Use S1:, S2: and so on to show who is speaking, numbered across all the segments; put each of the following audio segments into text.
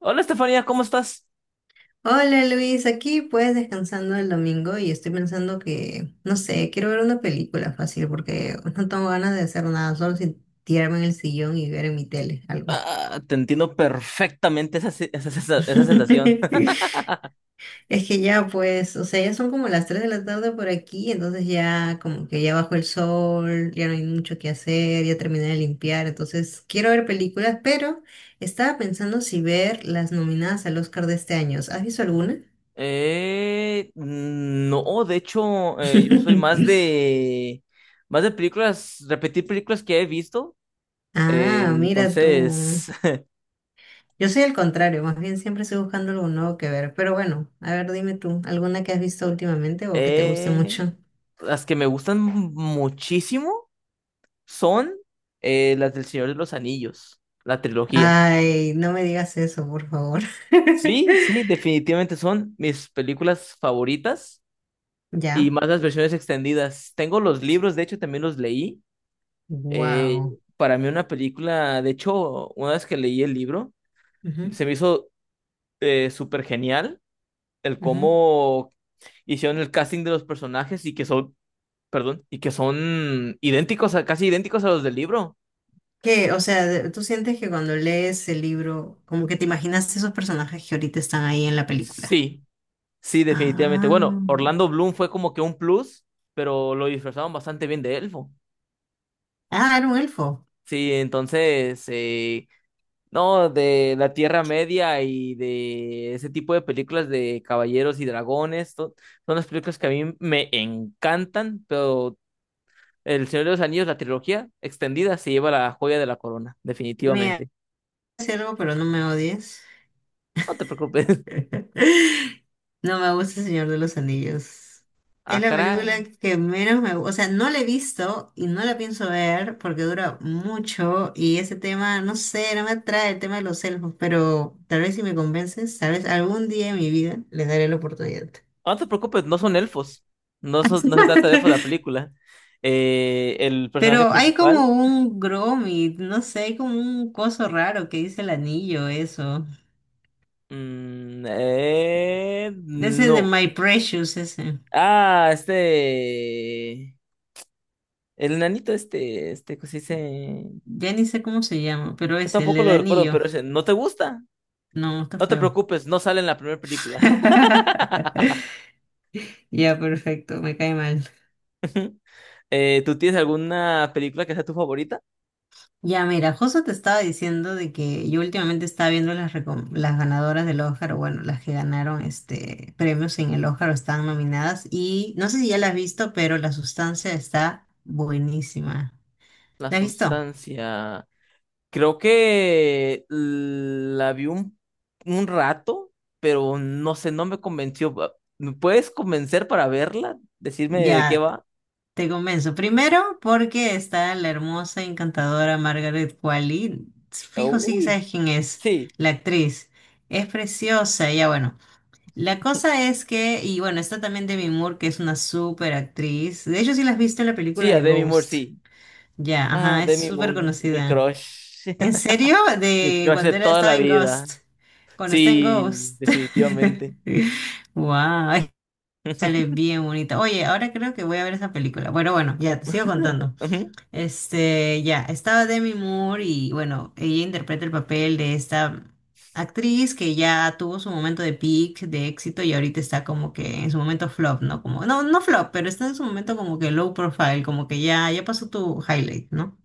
S1: Hola Estefanía, ¿cómo estás?
S2: Hola Luis, aquí pues descansando el domingo y estoy pensando que, no sé, quiero ver una película fácil porque no tengo ganas de hacer nada, solo sin tirarme en el sillón y ver en mi tele algo.
S1: Ah, te entiendo perfectamente esa, esa, esa sensación.
S2: Es que ya pues, o sea, ya son como las 3 de la tarde por aquí, entonces ya como que ya bajó el sol, ya no hay mucho que hacer, ya terminé de limpiar, entonces quiero ver películas, pero estaba pensando si ver las nominadas al Oscar de este año. ¿Has visto alguna?
S1: No, de hecho, yo soy más de películas, repetir películas que he visto. Eh,
S2: Ah, mira tú.
S1: entonces,
S2: Yo soy el contrario, más bien siempre estoy buscando algo nuevo que ver. Pero bueno, a ver, dime tú, ¿alguna que has visto últimamente o que te guste
S1: eh,
S2: mucho?
S1: las que me gustan muchísimo son las del Señor de los Anillos, la trilogía.
S2: Ay, no me digas eso, por favor.
S1: Sí, sí, definitivamente son mis películas favoritas. Y
S2: ¿Ya?
S1: más las versiones extendidas. Tengo los libros, de hecho también los leí. Eh,
S2: Wow.
S1: para mí una película, de hecho, una vez que leí el libro, se me hizo súper genial el cómo hicieron el casting de los personajes y que son, perdón, y que son idénticos, a, casi idénticos a los del libro.
S2: ¿Qué? O sea, ¿tú sientes que cuando lees el libro, como que te imaginas esos personajes que ahorita están ahí en la película?
S1: Sí, sí, definitivamente.
S2: Ah,
S1: Bueno, Orlando Bloom fue como que un plus, pero lo disfrazaron bastante bien de elfo.
S2: ah, era un elfo.
S1: Sí, entonces, No, de la Tierra Media y de ese tipo de películas de caballeros y dragones. Son las películas que a mí me encantan, pero El Señor de los Anillos, la trilogía extendida, se lleva la joya de la corona,
S2: Me
S1: definitivamente.
S2: hace algo, pero no me odies.
S1: No te preocupes.
S2: No me gusta El Señor de los Anillos. Es
S1: Ah,
S2: la película
S1: caray.
S2: que menos me gusta. O sea, no la he visto y no la pienso ver porque dura mucho y ese tema, no sé, no me atrae el tema de los elfos, pero tal vez si me convences, tal vez algún día en mi vida les daré la oportunidad.
S1: No te preocupes, no son elfos. No se trata de elfos la película. El personaje
S2: Pero hay como
S1: principal.
S2: un Gromit, no sé, hay como un coso raro que dice el anillo, eso. Ese de
S1: No.
S2: My Precious, ese.
S1: Ah, este. El nanito este, ¿cómo se dice?
S2: Ya ni sé cómo se llama, pero
S1: Yo
S2: es el
S1: tampoco
S2: del
S1: lo recuerdo,
S2: anillo.
S1: pero ese, ¿no te gusta?
S2: No, está
S1: No te
S2: feo.
S1: preocupes, no sale en la primera película.
S2: Ya, perfecto, me cae mal.
S1: ¿Tú tienes alguna película que sea tu favorita?
S2: Ya, mira, justo te estaba diciendo de que yo últimamente estaba viendo las, las ganadoras del Oscar, o bueno, las que ganaron este premios en el Oscar o están nominadas. Y no sé si ya las has visto, pero la sustancia está buenísima.
S1: La
S2: ¿La has visto?
S1: sustancia. Creo que la vi un rato, pero no sé, no me convenció. Ah, ¿me puedes convencer para verla? Decirme de qué
S2: Ya,
S1: va.
S2: te convenzo. Primero, porque está la hermosa, encantadora Margaret Qualley. Fijo si
S1: Uy,
S2: sabes quién es,
S1: sí,
S2: la actriz. Es preciosa, ya bueno. La cosa es que, y bueno, está también Demi Moore, que es una súper actriz. De hecho, sí la has visto en la
S1: sí,
S2: película
S1: a
S2: de
S1: Demi Moore,
S2: Ghost.
S1: sí.
S2: Ya,
S1: Ah,
S2: ajá, es
S1: Demi
S2: súper
S1: Moore, mi
S2: conocida.
S1: crush.
S2: ¿En serio?
S1: Mi
S2: De
S1: crush de
S2: cuando era,
S1: toda la
S2: estaba en
S1: vida.
S2: Ghost. Cuando está en
S1: Sí,
S2: Ghost.
S1: definitivamente.
S2: Wow, sale bien bonita. Oye, ahora creo que voy a ver esa película. Bueno, bueno, ya te sigo contando.
S1: Ujú.
S2: Este, ya, estaba Demi Moore y bueno, ella interpreta el papel de esta actriz que ya tuvo su momento de peak, de éxito y ahorita está como que en su momento flop, ¿no? Como, no, no flop, pero está en su momento como que low profile, como que ya, ya pasó tu highlight, ¿no?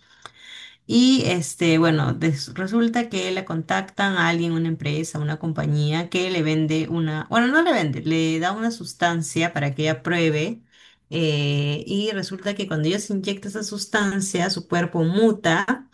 S2: Y este, bueno, resulta que la contactan a alguien, una empresa, una compañía que le vende una, bueno, no le vende, le da una sustancia para que ella pruebe. Y resulta que cuando ella se inyecta esa sustancia, su cuerpo muta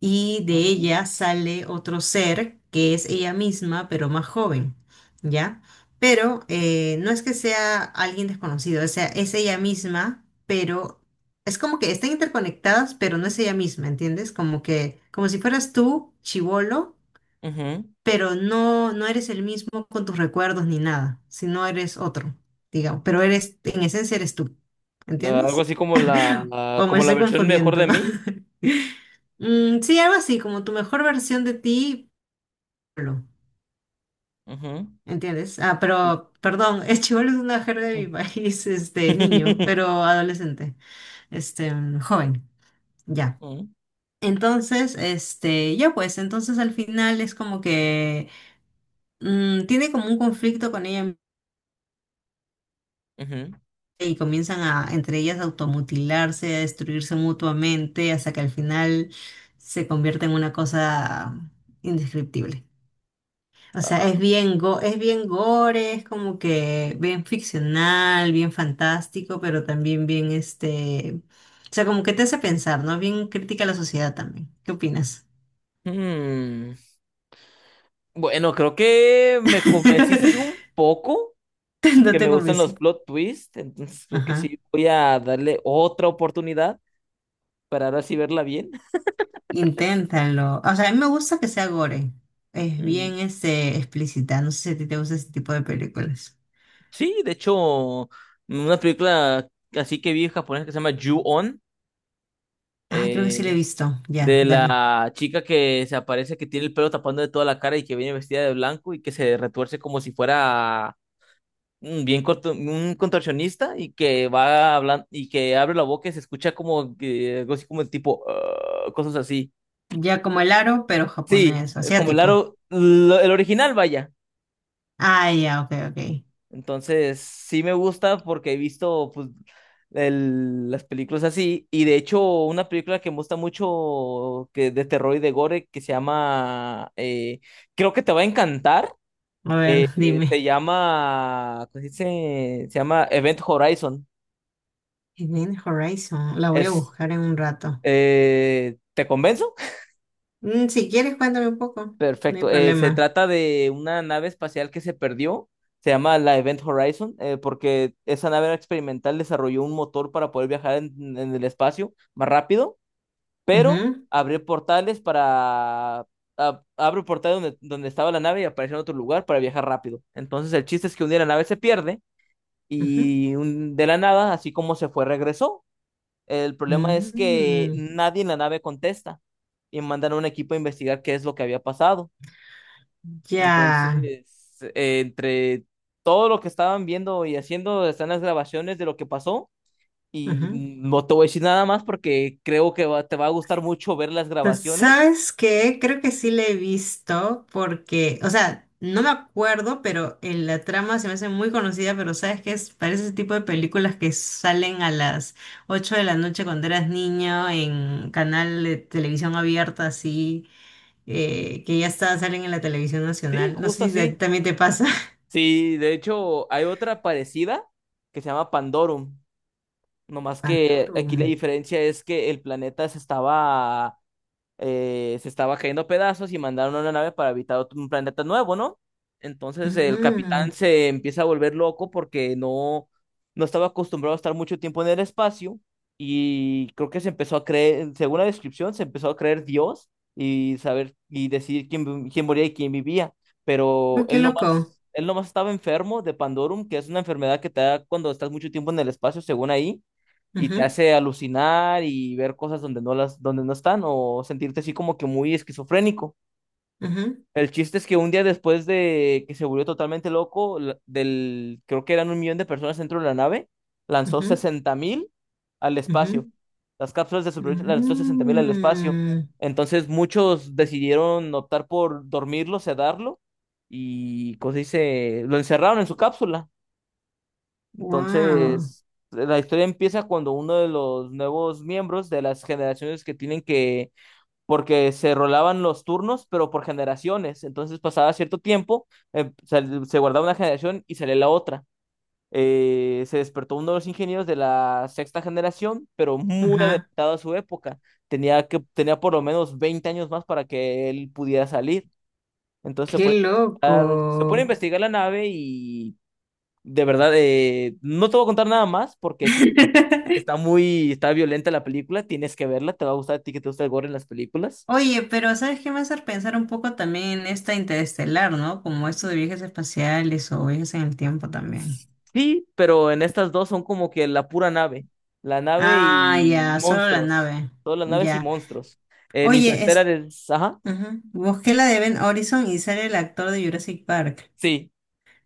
S2: y de
S1: Ujú,
S2: ella sale otro ser que es ella misma, pero más joven, ¿ya? Pero no es que sea alguien desconocido, o sea, es ella misma, pero es como que están interconectadas, pero no es ella misma, ¿entiendes? Como que, como si fueras tú, chivolo,
S1: ujú.
S2: pero no, no eres el mismo con tus recuerdos ni nada, sino eres otro, digamos, pero eres, en esencia eres tú,
S1: Ah, algo
S2: ¿entiendes?
S1: así como
S2: O me
S1: como la
S2: estoy
S1: versión mejor de
S2: confundiendo.
S1: mí.
S2: Mm, sí, algo así, como tu mejor versión de ti, chibolo,
S1: Ujú.
S2: ¿entiendes? Ah,
S1: Sí.
S2: pero, perdón, el chibolo es una jerga de mi país, este, niño, pero adolescente, este, joven, ya.
S1: Ujú,
S2: Entonces, este, ya pues, entonces al final es como que tiene como un conflicto con ella
S1: ujú.
S2: y comienzan a, entre ellas, a automutilarse, a destruirse mutuamente, hasta que al final se convierte en una cosa indescriptible. O sea,
S1: Ah,
S2: es bien, es bien gore, es como que bien ficcional, bien fantástico, pero también bien este... O sea, como que te hace pensar, ¿no? Bien crítica a la sociedad también. ¿Qué opinas?
S1: hmm. Bueno, creo que me convenciste un poco
S2: No
S1: porque
S2: te
S1: me gustan los
S2: convencí.
S1: plot twists, entonces creo que
S2: Ajá.
S1: sí voy a darle otra oportunidad para ahora sí verla bien.
S2: Inténtalo. O sea, a mí me gusta que sea gore. Es
S1: Mm,
S2: bien este, explícita. No sé si a ti te gusta ese tipo de películas.
S1: Sí, de hecho, una película así que vi japonesa que se llama Ju-On.
S2: Ah, creo que sí la he
S1: eh,
S2: visto. Ya,
S1: de
S2: dale.
S1: la chica que se aparece, que tiene el pelo tapando de toda la cara y que viene vestida de blanco y que se retuerce como si fuera un contorsionista y que va hablando y que abre la boca y se escucha algo así como tipo "Ah", cosas así.
S2: Ya como el aro, pero
S1: Sí,
S2: japonés,
S1: como el
S2: asiático.
S1: aro, el original, vaya.
S2: Ah, ya, ok, ok.
S1: Entonces, sí me gusta porque he visto pues, las películas así. Y de hecho, una película que me gusta mucho que, de terror y de gore que se llama, creo que te va a encantar.
S2: A ver, dime.
S1: Se llama, ¿cómo se dice? Se llama Event Horizon.
S2: Event Horizon, la voy a
S1: Es,
S2: buscar en un rato.
S1: ¿te convenzo?
S2: Mm, si quieres, cuéntame un poco, no hay
S1: Perfecto. Se
S2: problema.
S1: trata de una nave espacial que se perdió. Se llama la Event Horizon, porque esa nave experimental desarrolló un motor para poder viajar en el espacio más rápido, pero
S2: Ujú,
S1: abrió portales para... Abre un portal donde, donde estaba la nave y aparece en otro lugar para viajar rápido. Entonces el chiste es que un día la nave se pierde
S2: ujú.
S1: y de la nada, así como se fue, regresó. El problema es que
S2: Mm,
S1: nadie en la nave contesta y mandan a un equipo a investigar qué es lo que había pasado.
S2: ya.
S1: Entonces, entre todo lo que estaban viendo y haciendo, están las grabaciones de lo que pasó. Y
S2: Ujú.
S1: no te voy a decir nada más porque creo que te va a gustar mucho ver las
S2: Pues,
S1: grabaciones.
S2: ¿sabes qué? Creo que sí le he visto porque, o sea, no me acuerdo, pero en la trama se me hace muy conocida, pero ¿sabes qué? Es, parece ese tipo de películas que salen a las 8 de la noche cuando eras niño en canal de televisión abierta, así. Que ya está, salen en la televisión
S1: Sí,
S2: nacional. No
S1: justo
S2: sé si a ti
S1: así.
S2: también te pasa.
S1: Sí, de hecho, hay otra parecida que se llama Pandorum. Nomás que
S2: Pandoro.
S1: aquí la diferencia es que el planeta se estaba cayendo a pedazos y mandaron una nave para habitar un planeta nuevo, ¿no? Entonces el capitán
S2: Ah,
S1: se empieza a volver loco porque no, no estaba acostumbrado a estar mucho tiempo en el espacio y creo que se empezó a creer, según la descripción, se empezó a creer Dios y saber y decidir quién, quién moría y quién vivía, pero
S2: oh, qué loco.
S1: él nomás estaba enfermo de Pandorum, que es una enfermedad que te da cuando estás mucho tiempo en el espacio, según ahí, y te
S2: Ujú,
S1: hace alucinar y ver cosas donde no donde no están o sentirte así como que muy esquizofrénico.
S2: ujú,
S1: El chiste es que un día después de que se volvió totalmente loco, creo que eran 1.000.000 de personas dentro de la nave, lanzó 60.000 al
S2: ujú,
S1: espacio.
S2: ujú,
S1: Las cápsulas de supervivencia lanzó 60.000 al espacio.
S2: ujú.
S1: Entonces muchos decidieron optar por dormirlo, sedarlo y, ¿cómo se dice? Lo encerraron en su cápsula.
S2: Wow.
S1: Entonces, la historia empieza cuando uno de los nuevos miembros de las generaciones que tienen que, porque se rolaban los turnos, pero por generaciones, entonces pasaba cierto tiempo, se guardaba una generación y salía la otra. Se despertó uno de los ingenieros de la sexta generación, pero muy
S2: Ajá.
S1: adelantado a su época. Tenía por lo menos 20 años más para que él pudiera salir. Entonces
S2: Qué
S1: se pone a
S2: loco.
S1: investigar la nave y de verdad, no te voy a contar nada más porque sí, está muy, está violenta la película, tienes que verla, te va a gustar a ti que te gusta el gore en las películas.
S2: Oye, pero ¿sabes qué me hace pensar un poco también en esta interestelar, ¿no? Como esto de viajes espaciales o viajes en el tiempo también.
S1: Sí, pero en estas dos son como que la pura nave, la nave
S2: Ah,
S1: y
S2: ya, solo la
S1: monstruos,
S2: nave.
S1: todas las naves y
S2: Ya.
S1: monstruos. En
S2: Oye,
S1: Interstellar es, ajá,
S2: ujú. Busqué la de Ben Horizon y sale el actor de Jurassic Park.
S1: sí,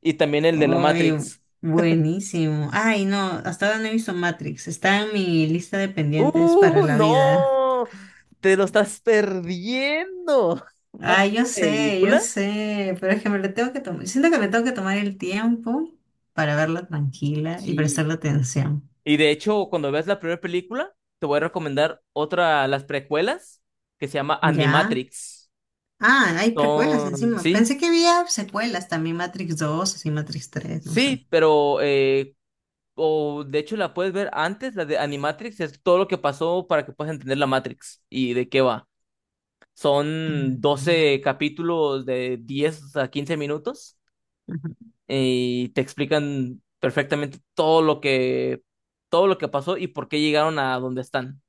S1: y también el de la
S2: Oye,
S1: Matrix.
S2: buenísimo. Ay, no, hasta ahora no he visto Matrix. Está en mi lista de pendientes para
S1: ¡Uh,
S2: la vida.
S1: no! Te lo estás perdiendo. ¿Una
S2: Ay, yo
S1: película?
S2: sé, pero es que me lo tengo que tomar. Siento que me tengo que tomar el tiempo para verla tranquila y
S1: Sí.
S2: prestarle atención.
S1: Y de hecho, cuando veas la primera película, te voy a recomendar otra, las precuelas, que se llama
S2: ¿Ya?
S1: Animatrix.
S2: Ah, hay precuelas
S1: Son,
S2: encima.
S1: sí,
S2: Pensé que había secuelas también, Matrix 2 así Matrix 3 no sé.
S1: sí, pero, o de hecho la puedes ver antes, la de Animatrix, es todo lo que pasó para que puedas entender la Matrix y de qué va.
S2: Mm,
S1: Son 12
S2: ya.
S1: capítulos de 10 a 15 minutos y te explican perfectamente todo lo que pasó y por qué llegaron a donde están.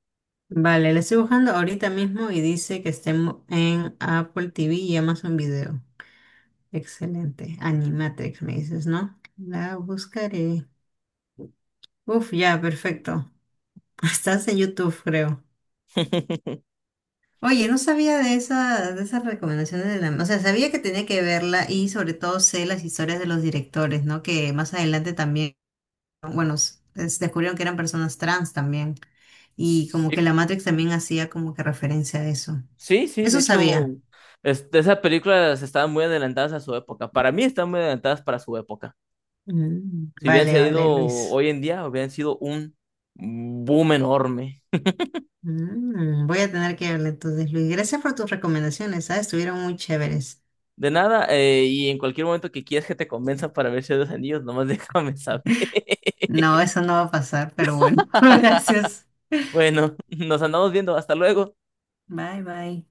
S2: Vale, le estoy buscando ahorita mismo y dice que estemos en Apple TV y Amazon Video. Excelente. Animatrix, me dices, ¿no? La buscaré. Uf, ya, perfecto. Estás en YouTube, creo. Oye, no sabía de esa, de esas recomendaciones de la... O sea, sabía que tenía que verla y sobre todo sé las historias de los directores, ¿no? Que más adelante también, bueno, descubrieron que eran personas trans también. Y como que
S1: Y
S2: la Matrix también hacía como que referencia a eso.
S1: Sí, sí, de
S2: Eso
S1: hecho,
S2: sabía.
S1: esas películas estaban muy adelantadas a su época. Para mí están muy adelantadas para su época. Si hubieran
S2: Vale,
S1: sido
S2: vale, Luis.
S1: hoy en día, hubieran sido un boom enorme.
S2: Voy a tener que verle entonces, Luis. Gracias por tus recomendaciones, ¿sabes? Estuvieron muy chéveres.
S1: De nada, y en cualquier momento que quieras que te convenza para ver Señor de los Anillos, nomás déjame saber.
S2: No, eso no va a pasar, pero bueno, gracias.
S1: Bueno, nos andamos viendo. Hasta luego.
S2: Bye, bye.